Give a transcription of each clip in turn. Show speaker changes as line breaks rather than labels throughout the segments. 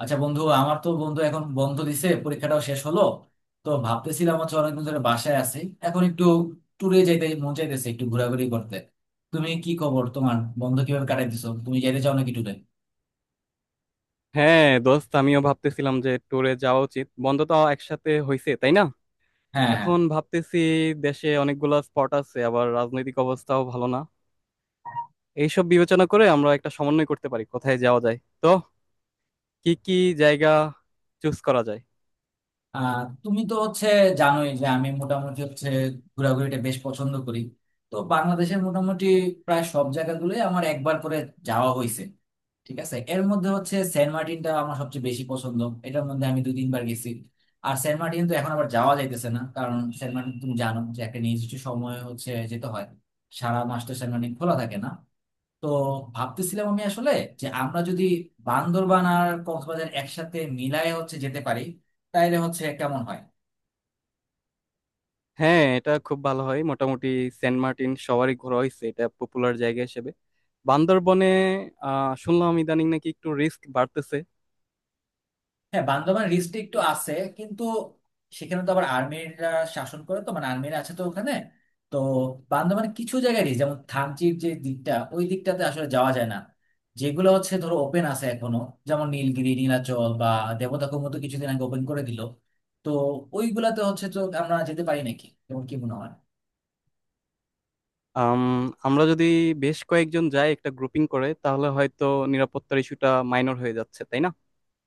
আচ্ছা বন্ধু, আমার তো বন্ধু এখন বন্ধ দিছে, পরীক্ষাটাও শেষ হলো। তো ভাবতেছিলাম হচ্ছে অনেকদিন ধরে বাসায় আছি, এখন একটু ট্যুরে যাইতে মন চাইতেছে, একটু ঘোরাঘুরি করতে। তুমি কি খবর, তোমার বন্ধ কিভাবে কাটাই দিছো, তুমি যাইতে চাও নাকি ট্যুরে?
হ্যাঁ দোস্ত, আমিও ভাবতেছিলাম যে ট্যুরে যাওয়া উচিত। বন্ধ তো একসাথে হয়েছে, তাই না?
হ্যাঁ, হ্যাঁ।
এখন ভাবতেছি, দেশে অনেকগুলা স্পট আছে, আবার রাজনৈতিক অবস্থাও ভালো না। এইসব বিবেচনা করে আমরা একটা সমন্বয় করতে পারি কোথায় যাওয়া যায়। তো কি কি জায়গা চুজ করা যায়?
তুমি তো হচ্ছে জানোই যে আমি মোটামুটি হচ্ছে ঘোরাঘুরিটা বেশ পছন্দ করি। তো বাংলাদেশের মোটামুটি প্রায় সব জায়গাগুলোই আমার একবার করে যাওয়া হয়েছে। ঠিক আছে, এর মধ্যে হচ্ছে সেন্ট মার্টিনটা আমার সবচেয়ে বেশি পছন্দ। এটার মধ্যে আমি দুই তিনবার গেছি। আর সেন্ট মার্টিন তো এখন আবার যাওয়া যাইতেছে না, কারণ সেন্ট মার্টিন তুমি জানো যে একটা নির্দিষ্ট সময় হচ্ছে যেতে হয়। সারা মাস তো সেন্ট মার্টিন খোলা থাকে না। তো ভাবতেছিলাম আমি আসলে যে আমরা যদি বান্দরবান আর কক্সবাজার একসাথে মিলায় হচ্ছে যেতে পারি, তাইলে হচ্ছে কেমন হয়?
হ্যাঁ, এটা খুব ভালো হয়। মোটামুটি সেন্ট মার্টিন সবারই ঘোরা হয়েছে, এটা পপুলার জায়গা হিসেবে। বান্দরবনে শুনলাম ইদানিং নাকি একটু রিস্ক বাড়তেছে।
হ্যাঁ, বান্দরবান রিস্ট্রিক্ট একটু আছে, কিন্তু সেখানে তো আবার আর্মিরা শাসন করে, তো মানে আর্মিরা আছে তো ওখানে। তো বান্দরবান কিছু জায়গায় রিস্ক, যেমন থানচির যে দিকটা, ওই দিকটাতে আসলে যাওয়া যায় না। যেগুলো হচ্ছে ধরো ওপেন আছে এখনো, যেমন নীলগিরি, নীলাচল, বা দেবতাখুম তো কিছুদিন আগে ওপেন করে দিল। তো ওইগুলাতে হচ্ছে তো আমরা যেতে পারি নাকি, তোমার কি মনে হয়?
আম, আমরা যদি বেশ কয়েকজন যাই একটা গ্রুপিং করে, তাহলে হয়তো নিরাপত্তার ইস্যুটা মাইনর হয়ে যাচ্ছে, তাই না?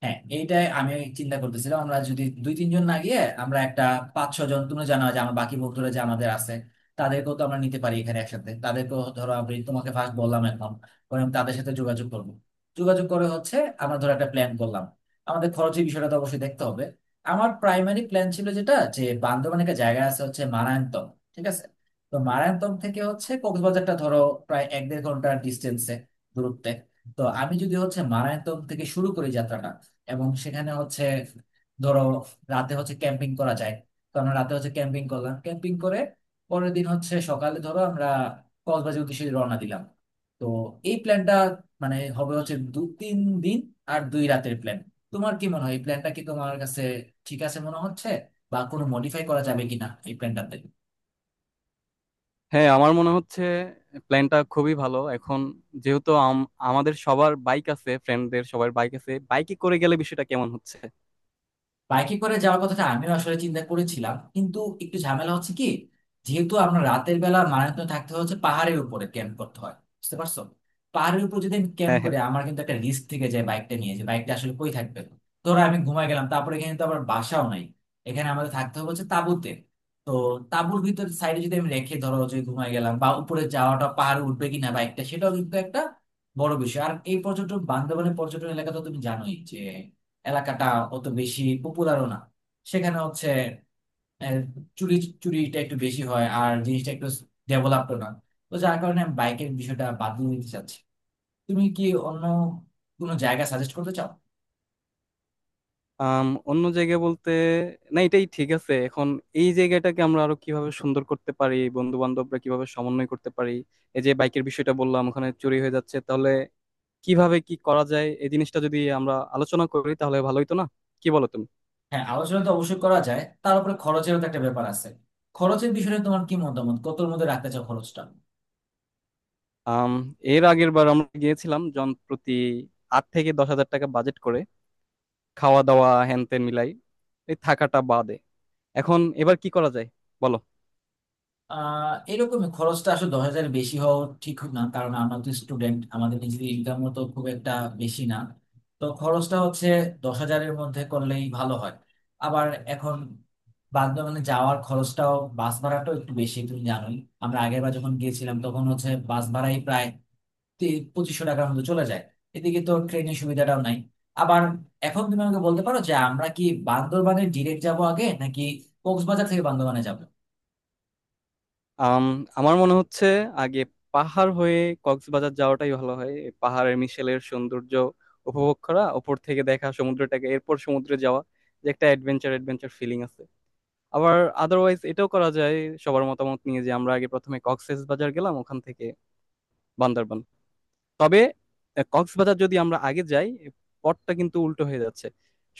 হ্যাঁ, এইটাই আমি চিন্তা করতেছিলাম, আমরা যদি দুই তিনজন না গিয়ে আমরা একটা পাঁচ ছ জন, তুমি জানা যে আমার বাকি বন্ধুরা যে আমাদের আছে, তাদেরকেও তো আমরা নিতে পারি এখানে একসাথে। তাদেরকেও ধরো আমি তোমাকে ফার্স্ট বললাম, এখন পরে আমি তাদের সাথে যোগাযোগ করব। যোগাযোগ করে হচ্ছে আমরা ধরো একটা প্ল্যান করলাম, আমাদের খরচের বিষয়টা তো অবশ্যই দেখতে হবে। আমার প্রাইমারি প্ল্যান ছিল যেটা, যে বান্দরবানে একটা জায়গা আছে হচ্ছে মারায়ন্তম, ঠিক আছে। তো মারায়ন্তম থেকে হচ্ছে কক্সবাজারটা ধরো প্রায় এক দেড় ঘন্টার ডিস্টেন্সে, দূরত্বে। তো আমি যদি হচ্ছে মারায়ন্তম থেকে শুরু করি যাত্রাটা, এবং সেখানে হচ্ছে ধরো রাতে হচ্ছে ক্যাম্পিং করা যায়। তো আমরা রাতে হচ্ছে ক্যাম্পিং করলাম, ক্যাম্পিং করে পরের দিন হচ্ছে সকালে ধরো আমরা কক্সবাজার উদ্দেশ্যে রওনা দিলাম। তো এই প্ল্যানটা মানে হবে হচ্ছে দু তিন দিন আর দুই রাতের প্ল্যান। তোমার কি মনে হয়, এই প্ল্যানটা কি তোমার কাছে ঠিক আছে মনে হচ্ছে, বা কোনো মডিফাই করা যাবে কিনা এই প্ল্যানটাতে?
হ্যাঁ, আমার মনে হচ্ছে প্ল্যানটা খুবই ভালো। এখন যেহেতু আমাদের সবার বাইক আছে, ফ্রেন্ডদের সবার বাইক আছে, বাইকে করে গেলে বিষয়টা কেমন হচ্ছে?
বাইকে করে যাওয়ার কথাটা আমিও আসলে চিন্তা করেছিলাম, কিন্তু একটু ঝামেলা হচ্ছে কি, যেহেতু আমরা রাতের বেলা মারাত্মক থাকতে হচ্ছে পাহাড়ের উপরে ক্যাম্প করতে হয়, বুঝতে পারছো? পাহাড়ের উপর যদি আমি ক্যাম্প
হ্যাঁ, হ্যাঁ।
করে, আমার কিন্তু একটা রিস্ক থেকে যায় বাইকটা নিয়ে, যে বাইকটা আসলে কই থাকবে। ধরো আমি ঘুমায় গেলাম, তারপরে এখানে তো আবার বাসাও নাই, এখানে আমাদের থাকতে হবে হচ্ছে তাঁবুতে। তো তাঁবুর ভিতর সাইডে যদি আমি রেখে ধরো যে ঘুমায় গেলাম, বা উপরে যাওয়াটা পাহাড়ে উঠবে কিনা বাইকটা, সেটাও কিন্তু একটা বড় বিষয়। আর এই পর্যটন, বান্দরবানের পর্যটন এলাকা তো তুমি জানোই, এলাকাটা অত বেশি পপুলারও না। সেখানে হচ্ছে আহ, চুরি চুরিটা একটু বেশি হয়, আর জিনিসটা একটু ডেভেলপড না। তো যার কারণে আমি বাইকের বিষয়টা বাদ দিয়ে দিতে চাচ্ছি। তুমি কি অন্য কোনো জায়গা সাজেস্ট করতে চাও?
অন্য জায়গায় বলতে, না, এটাই ঠিক আছে। এখন এই জায়গাটাকে আমরা আরো কিভাবে সুন্দর করতে পারি, বন্ধু বান্ধবরা কিভাবে সমন্বয় করতে পারি, এই যে বাইকের বিষয়টা বললাম ওখানে চুরি হয়ে যাচ্ছে, তাহলে কিভাবে কি করা যায়, এই জিনিসটা যদি আমরা আলোচনা করি তাহলে ভালো হইতো না? কি বলো তুমি?
হ্যাঁ, আলোচনা তো অবশ্যই করা যায়, তার উপরে খরচেরও তো একটা ব্যাপার আছে। খরচের বিষয়ে তোমার কি মতামত, কতর মধ্যে রাখতে চাও খরচটা?
আম, এর আগের বার আমরা গিয়েছিলাম জন প্রতি 8 থেকে 10,000 টাকা বাজেট করে। খাওয়া দাওয়া হ্যান ত্যান মিলাই, এই থাকাটা বাদে। এখন এবার কি করা যায় বলো?
আহ এরকম খরচটা আসলে 10,000-এর বেশি হওয়া ঠিক না, কারণ আমরা তো স্টুডেন্ট, আমাদের নিজেদের ইনকামও তো খুব একটা বেশি না। তো খরচটা হচ্ছে 10,000-এর মধ্যে করলেই ভালো হয়। আবার এখন বান্দরবানে যাওয়ার খরচটাও, বাস ভাড়াটাও একটু বেশি তুমি জানোই। আমরা আগের বার যখন গিয়েছিলাম তখন হচ্ছে বাস ভাড়াই প্রায় তি- 2500 টাকার মতো চলে যায়। এদিকে তো ট্রেনের সুবিধাটাও নাই আবার। এখন তুমি আমাকে বলতে পারো যে আমরা কি বান্দরবানে ডিরেক্ট যাব আগে, নাকি কক্সবাজার থেকে বান্দরবানে যাব?
আম, আমার মনে হচ্ছে আগে পাহাড় হয়ে কক্সবাজার যাওয়াটাই ভালো হয়। এই পাহাড়ের মিশেলের সৌন্দর্য উপভোগ করা, ওপর থেকে দেখা সমুদ্রটাকে, এরপর সমুদ্রে যাওয়া, যে একটা অ্যাডভেঞ্চার অ্যাডভেঞ্চার ফিলিং আছে। আবার আদারওয়াইজ এটাও করা যায়, সবার মতামত নিয়ে, যে আমরা আগে প্রথমে কক্সবাজার গেলাম, ওখান থেকে বান্দরবান। তবে কক্সবাজার যদি আমরা আগে যাই, পথটা কিন্তু উল্টো হয়ে যাচ্ছে।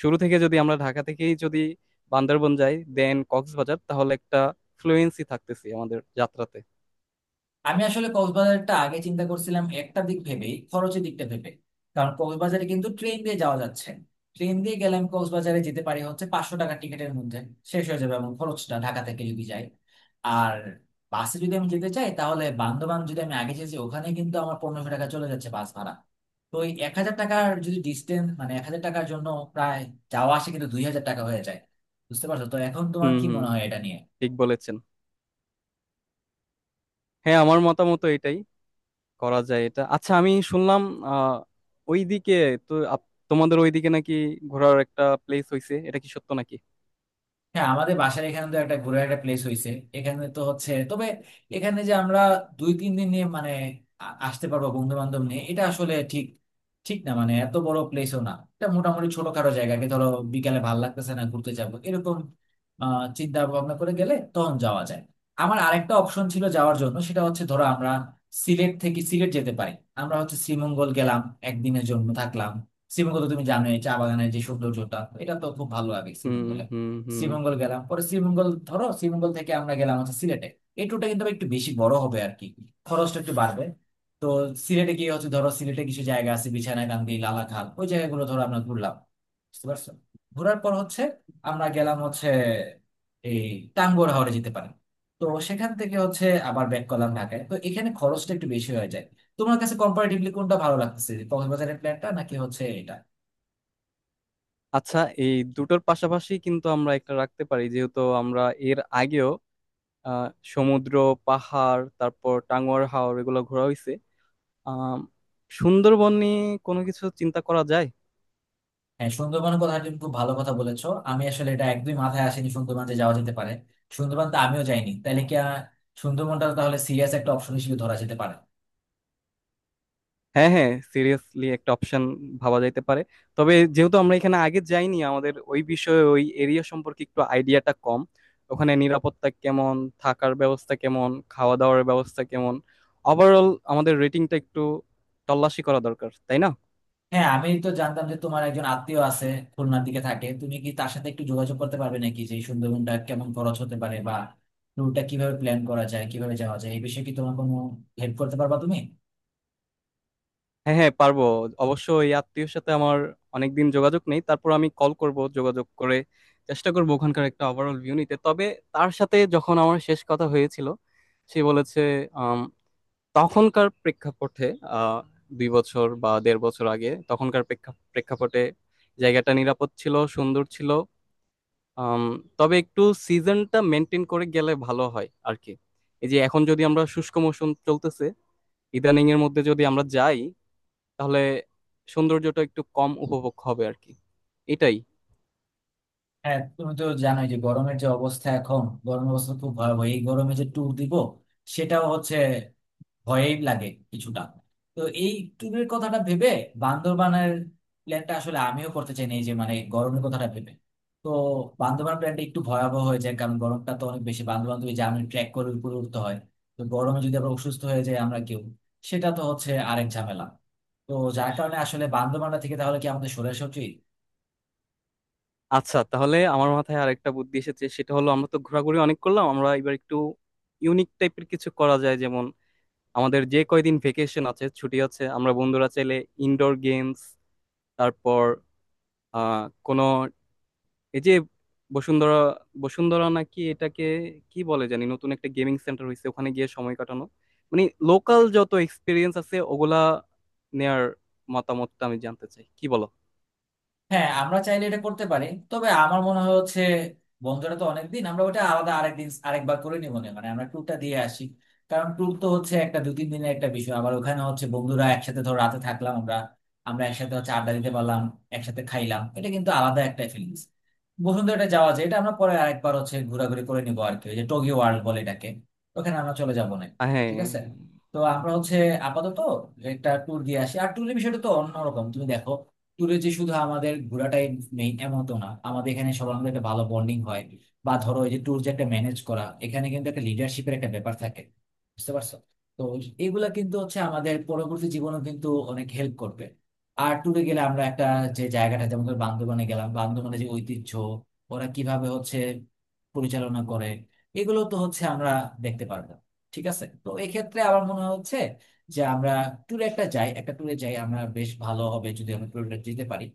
শুরু থেকে যদি আমরা ঢাকা থেকেই যদি বান্দরবন যাই দেন কক্সবাজার, তাহলে একটা ফ্লুয়েন্সি থাকতেছে আমাদের যাত্রাতে।
আমি আসলে কক্সবাজারটা আগে চিন্তা করছিলাম একটা দিক ভেবেই, খরচের দিকটা ভেবে। কারণ কক্সবাজারে কিন্তু ট্রেন দিয়ে যাওয়া যাচ্ছে। ট্রেন দিয়ে গেলে আমি কক্সবাজারে যেতে পারি হচ্ছে 500 টাকা টিকিটের মধ্যে শেষ হয়ে যাবে, এবং খরচটা ঢাকা থেকে যদি যাই। আর বাসে যদি আমি যেতে চাই, তাহলে বান্দরবান যদি আমি আগে যেতে চাই, ওখানে কিন্তু আমার 1500 টাকা চলে যাচ্ছে বাস ভাড়া। তো ওই 1000 টাকার যদি ডিস্টেন্স, মানে 1000 টাকার জন্য প্রায় যাওয়া আসে কিন্তু 2000 টাকা হয়ে যায়। বুঝতে পারছো তো? এখন তোমার
হুম
কি
হুম।
মনে হয় এটা নিয়ে?
ঠিক বলেছেন। হ্যাঁ, আমার মতামত এটাই, করা যায় এটা। আচ্ছা, আমি শুনলাম আহ ওইদিকে, তো তোমাদের ওইদিকে নাকি ঘোরার একটা প্লেস হয়েছে, এটা কি সত্য নাকি?
হ্যাঁ, আমাদের বাসার এখানে তো একটা ঘোরার একটা প্লেস হয়েছে। এখানে তো হচ্ছে, তবে এখানে যে আমরা দুই তিন দিন নিয়ে মানে আসতে পারবো বন্ধু বান্ধব নিয়ে, এটা আসলে ঠিক ঠিক না, মানে এত বড় প্লেসও না এটা, মোটামুটি ছোটখাটো জায়গাকে ধরো, বিকালে ভাল লাগতেছে না ঘুরতে যাবো এরকম চিন্তা ভাবনা করে গেলে তখন যাওয়া যায়। আমার আরেকটা অপশন ছিল যাওয়ার জন্য, সেটা হচ্ছে ধরো আমরা সিলেট থেকে সিলেট যেতে পারি। আমরা হচ্ছে শ্রীমঙ্গল গেলাম, একদিনের জন্য থাকলাম। শ্রীমঙ্গল তো তুমি জানোই, চা বাগানের যে সৌন্দর্যটা, এটা তো খুব ভালো লাগে
হুম
শ্রীমঙ্গলে।
হুম হুম।
শ্রীমঙ্গল গেলাম, পরে শ্রীমঙ্গল ধরো, শ্রীমঙ্গল থেকে আমরা গেলাম হচ্ছে সিলেটে। এই ট্যুরটা কিন্তু আবার একটু বেশি বড় হবে আর কি, খরচটা একটু বাড়বে। তো সিলেটে গিয়ে হচ্ছে ধরো সিলেটে কিছু জায়গা আছে, বিছানাকান্দি, লালাখাল, ওই জায়গাগুলো ধরো আমরা ঘুরলাম, বুঝতে পারছো? ঘোরার পর হচ্ছে আমরা গেলাম হচ্ছে এই টাঙ্গুয়ার হাওরে যেতে পারি। তো সেখান থেকে হচ্ছে আবার ব্যাক করলাম ঢাকায়। তো এখানে খরচটা একটু বেশি হয়ে যায়। তোমার কাছে কম্পারেটিভলি কোনটা ভালো লাগতেছে, কক্সবাজারের প্ল্যানটা নাকি হচ্ছে এটা?
আচ্ছা, এই দুটোর পাশাপাশি কিন্তু আমরা একটা রাখতে পারি। যেহেতু আমরা এর আগেও আহ, সমুদ্র, পাহাড়, তারপর টাঙ্গুয়ার হাওর, এগুলো ঘোরা হয়েছে, আহ সুন্দরবন নিয়ে কোনো কিছু চিন্তা করা যায়।
হ্যাঁ, সুন্দরবনের কথা তুমি খুব ভালো কথা বলেছো, আমি আসলে এটা একদমই মাথায় আসেনি, সুন্দরবন যে যাওয়া যেতে পারে। সুন্দরবন তো আমিও যাইনি। তাহলে কি সুন্দরবনটা তাহলে সিরিয়াস একটা অপশন হিসেবে ধরা যেতে পারে।
হ্যাঁ হ্যাঁ, সিরিয়াসলি একটা অপশন ভাবা যাইতে পারে। তবে যেহেতু আমরা এখানে আগে যাইনি, আমাদের ওই বিষয়ে, ওই এরিয়া সম্পর্কে একটু আইডিয়াটা কম। ওখানে নিরাপত্তা কেমন, থাকার ব্যবস্থা কেমন, খাওয়া দাওয়ার ব্যবস্থা কেমন, ওভারঅল আমাদের রেটিংটা একটু তল্লাশি করা দরকার, তাই না?
হ্যাঁ, আমি তো জানতাম যে তোমার একজন আত্মীয় আছে খুলনার দিকে থাকে, তুমি কি তার সাথে একটু যোগাযোগ করতে পারবে নাকি, যে এই সুন্দরবনটা কেমন, খরচ হতে পারে বা ট্যুরটা কিভাবে প্ল্যান করা যায়, কিভাবে যাওয়া যায়, এই বিষয়ে কি তোমার কোনো হেল্প করতে পারবা তুমি?
হ্যাঁ হ্যাঁ, পারবো। অবশ্য এই আত্মীয়র সাথে আমার অনেকদিন যোগাযোগ নেই। তারপর আমি কল করব, যোগাযোগ করে চেষ্টা করব ওখানকার একটা ওভারঅল ভিউ নিতে। তবে তার সাথে যখন আমার শেষ কথা হয়েছিল সে বলেছে, আম, তখনকার প্রেক্ষাপটে, আহ 2 বছর বা দেড় বছর আগে তখনকার প্রেক্ষাপটে, জায়গাটা নিরাপদ ছিল, সুন্দর ছিল। আম, তবে একটু সিজনটা মেনটেন করে গেলে ভালো হয় আর কি। এই যে এখন যদি আমরা, শুষ্ক মৌসুম চলতেছে ইদানিং, এর মধ্যে যদি আমরা যাই, তাহলে সৌন্দর্যটা একটু কম উপভোগ হবে আর কি। এটাই।
হ্যাঁ, তুমি তো জানোই যে গরমের যে অবস্থা, এখন গরমের অবস্থা খুব ভয়াবহ, এই গরমে যে ট্যুর দিব সেটাও হচ্ছে ভয় লাগে কিছুটা। তো এই ট্যুরের কথাটা ভেবে বান্দরবানের প্ল্যানটা আসলে আমিও করতে চাই না, এই যে মানে গরমের কথাটা ভেবে। তো বান্দরবান প্ল্যানটা একটু ভয়াবহ হয়ে যায়, কারণ গরমটা তো অনেক বেশি, বান্দরবান তুমি জানো ট্রেক করে উপরে উঠতে হয়। তো গরমে যদি আবার অসুস্থ হয়ে যায় আমরা কেউ, সেটা তো হচ্ছে আরেক ঝামেলা। তো যার কারণে আসলে বান্দরবানটা থেকে তাহলে কি আমাদের সরে আসা উচিত?
আচ্ছা, তাহলে আমার মাথায় আরেকটা বুদ্ধি এসেছে, সেটা হলো আমরা তো ঘোরাঘুরি অনেক করলাম, আমরা এবার একটু ইউনিক টাইপের কিছু করা যায়। যেমন আমাদের যে কয়দিন ভেকেশন আছে, ছুটি আছে, আমরা বন্ধুরা চাইলে ইনডোর গেমস, তারপর কোনো এই যে বসুন্ধরা বসুন্ধরা নাকি এটাকে কি বলে জানি, নতুন একটা গেমিং সেন্টার হয়েছে, ওখানে গিয়ে সময় কাটানো, মানে লোকাল যত এক্সপিরিয়েন্স আছে ওগুলা নেয়ার মতামতটা আমি জানতে চাই। কি বলো?
হ্যাঁ, আমরা চাইলে এটা করতে পারি, তবে আমার মনে হয় হচ্ছে বন্ধুরা তো অনেকদিন, আমরা ওটা আলাদা আরেকদিন আরেকবার করে নিবো না, মানে আমরা ট্যুরটা দিয়ে আসি। কারণ ট্যুর তো হচ্ছে একটা দু তিন দিনের একটা বিষয়, আবার ওখানে হচ্ছে বন্ধুরা একসাথে ধর রাতে থাকলাম আমরা, আমরা একসাথে হচ্ছে আড্ডা দিতে পারলাম, একসাথে খাইলাম, এটা কিন্তু আলাদা একটা ফিলিংস। বসুন্ধরাটা যাওয়া যায়, এটা আমরা পরে আরেকবার হচ্ছে ঘোরাঘুরি করে নিবো আর কি, ওই যে টোকিও ওয়ার্ল্ড বলে এটাকে, ওখানে আমরা চলে যাবো না।
হ্যাঁ
ঠিক আছে। তো আমরা হচ্ছে আপাতত একটা ট্যুর দিয়ে আসি। আর ট্যুরের বিষয়টা তো অন্যরকম তুমি দেখো, ট্যুরে যে শুধু আমাদের ঘোরাটাই মেইন এমন তো না, আমাদের এখানে সবার মধ্যে একটা ভালো বন্ডিং হয়, বা ধরো এই যে ট্যুর যে একটা ম্যানেজ করা, এখানে কিন্তু একটা লিডারশিপের একটা ব্যাপার থাকে, বুঝতে পারছো? তো এগুলা কিন্তু হচ্ছে আমাদের পরবর্তী জীবনে কিন্তু অনেক হেল্প করবে। আর ট্যুরে গেলে আমরা একটা যে জায়গাটা, যেমন ধর বান্দরবানে গেলাম, বান্দরবানে যে ঐতিহ্য, ওরা কিভাবে হচ্ছে পরিচালনা করে, এগুলো তো হচ্ছে আমরা দেখতে পারবো। ঠিক আছে, তো এক্ষেত্রে আমার মনে হচ্ছে যে আমরা ট্যুরে একটা ট্যুরে যাই আমরা, বেশ ভালো হবে যদি আমরা ট্যুরে যেতে পারি।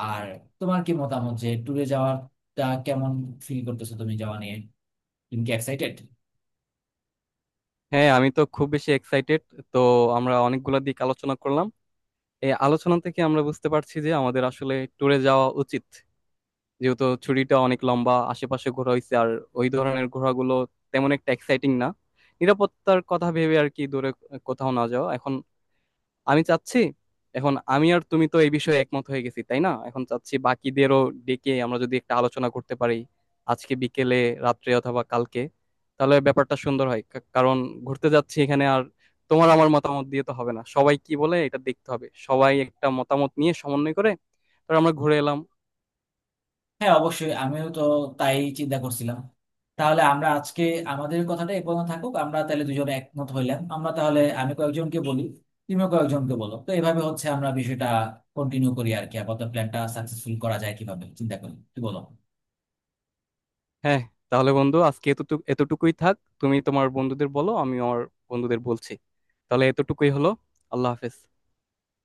আর তোমার কি মতামত, যে ট্যুরে যাওয়াটা কেমন ফিল করতেছো তুমি, যাওয়া নিয়ে তুমি কি এক্সাইটেড?
হ্যাঁ, আমি তো খুব বেশি এক্সাইটেড। তো আমরা অনেকগুলা দিক আলোচনা করলাম। এই আলোচনা থেকে আমরা বুঝতে পারছি যে আমাদের আসলে ট্যুরে যাওয়া উচিত, যেহেতু ছুটিটা অনেক লম্বা। আশেপাশে ঘোরা হয়েছে আর ওই ধরনের ঘোরাগুলো তেমন একটা এক্সাইটিং না। নিরাপত্তার কথা ভেবে আর কি, দূরে কোথাও না যাওয়া এখন আমি চাচ্ছি। এখন আমি আর তুমি তো এই বিষয়ে একমত হয়ে গেছি, তাই না? এখন চাচ্ছি বাকিদেরও ডেকে আমরা যদি একটা আলোচনা করতে পারি আজকে বিকেলে, রাত্রে অথবা কালকে, তাহলে ব্যাপারটা সুন্দর হয়। কারণ ঘুরতে যাচ্ছি এখানে, আর তোমার আমার মতামত দিয়ে তো হবে না, সবাই কি বলে এটা দেখতে হবে। সবাই একটা মতামত নিয়ে সমন্বয় করে তারপর আমরা ঘুরে এলাম।
হ্যাঁ, অবশ্যই, আমিও তো তাই চিন্তা করছিলাম। তাহলে আমরা আজকে আমাদের কথাটা এ পর্যন্ত থাকুক। আমরা তাহলে দুজনে একমত হইলাম, আমরা তাহলে, আমি কয়েকজনকে বলি, তুমিও কয়েকজনকে বলো, তো এভাবে হচ্ছে আমরা বিষয়টা কন্টিনিউ করি আর কি। আপাতত প্ল্যানটা সাকসেসফুল করা যায় কিভাবে চিন্তা করি, কি বলো?
হ্যাঁ, তাহলে বন্ধু আজকে এতটুকু, এতটুকুই থাক। তুমি তোমার বন্ধুদের বলো, আমি আমার বন্ধুদের বলছি। তাহলে এতটুকুই হলো। আল্লাহ হাফেজ।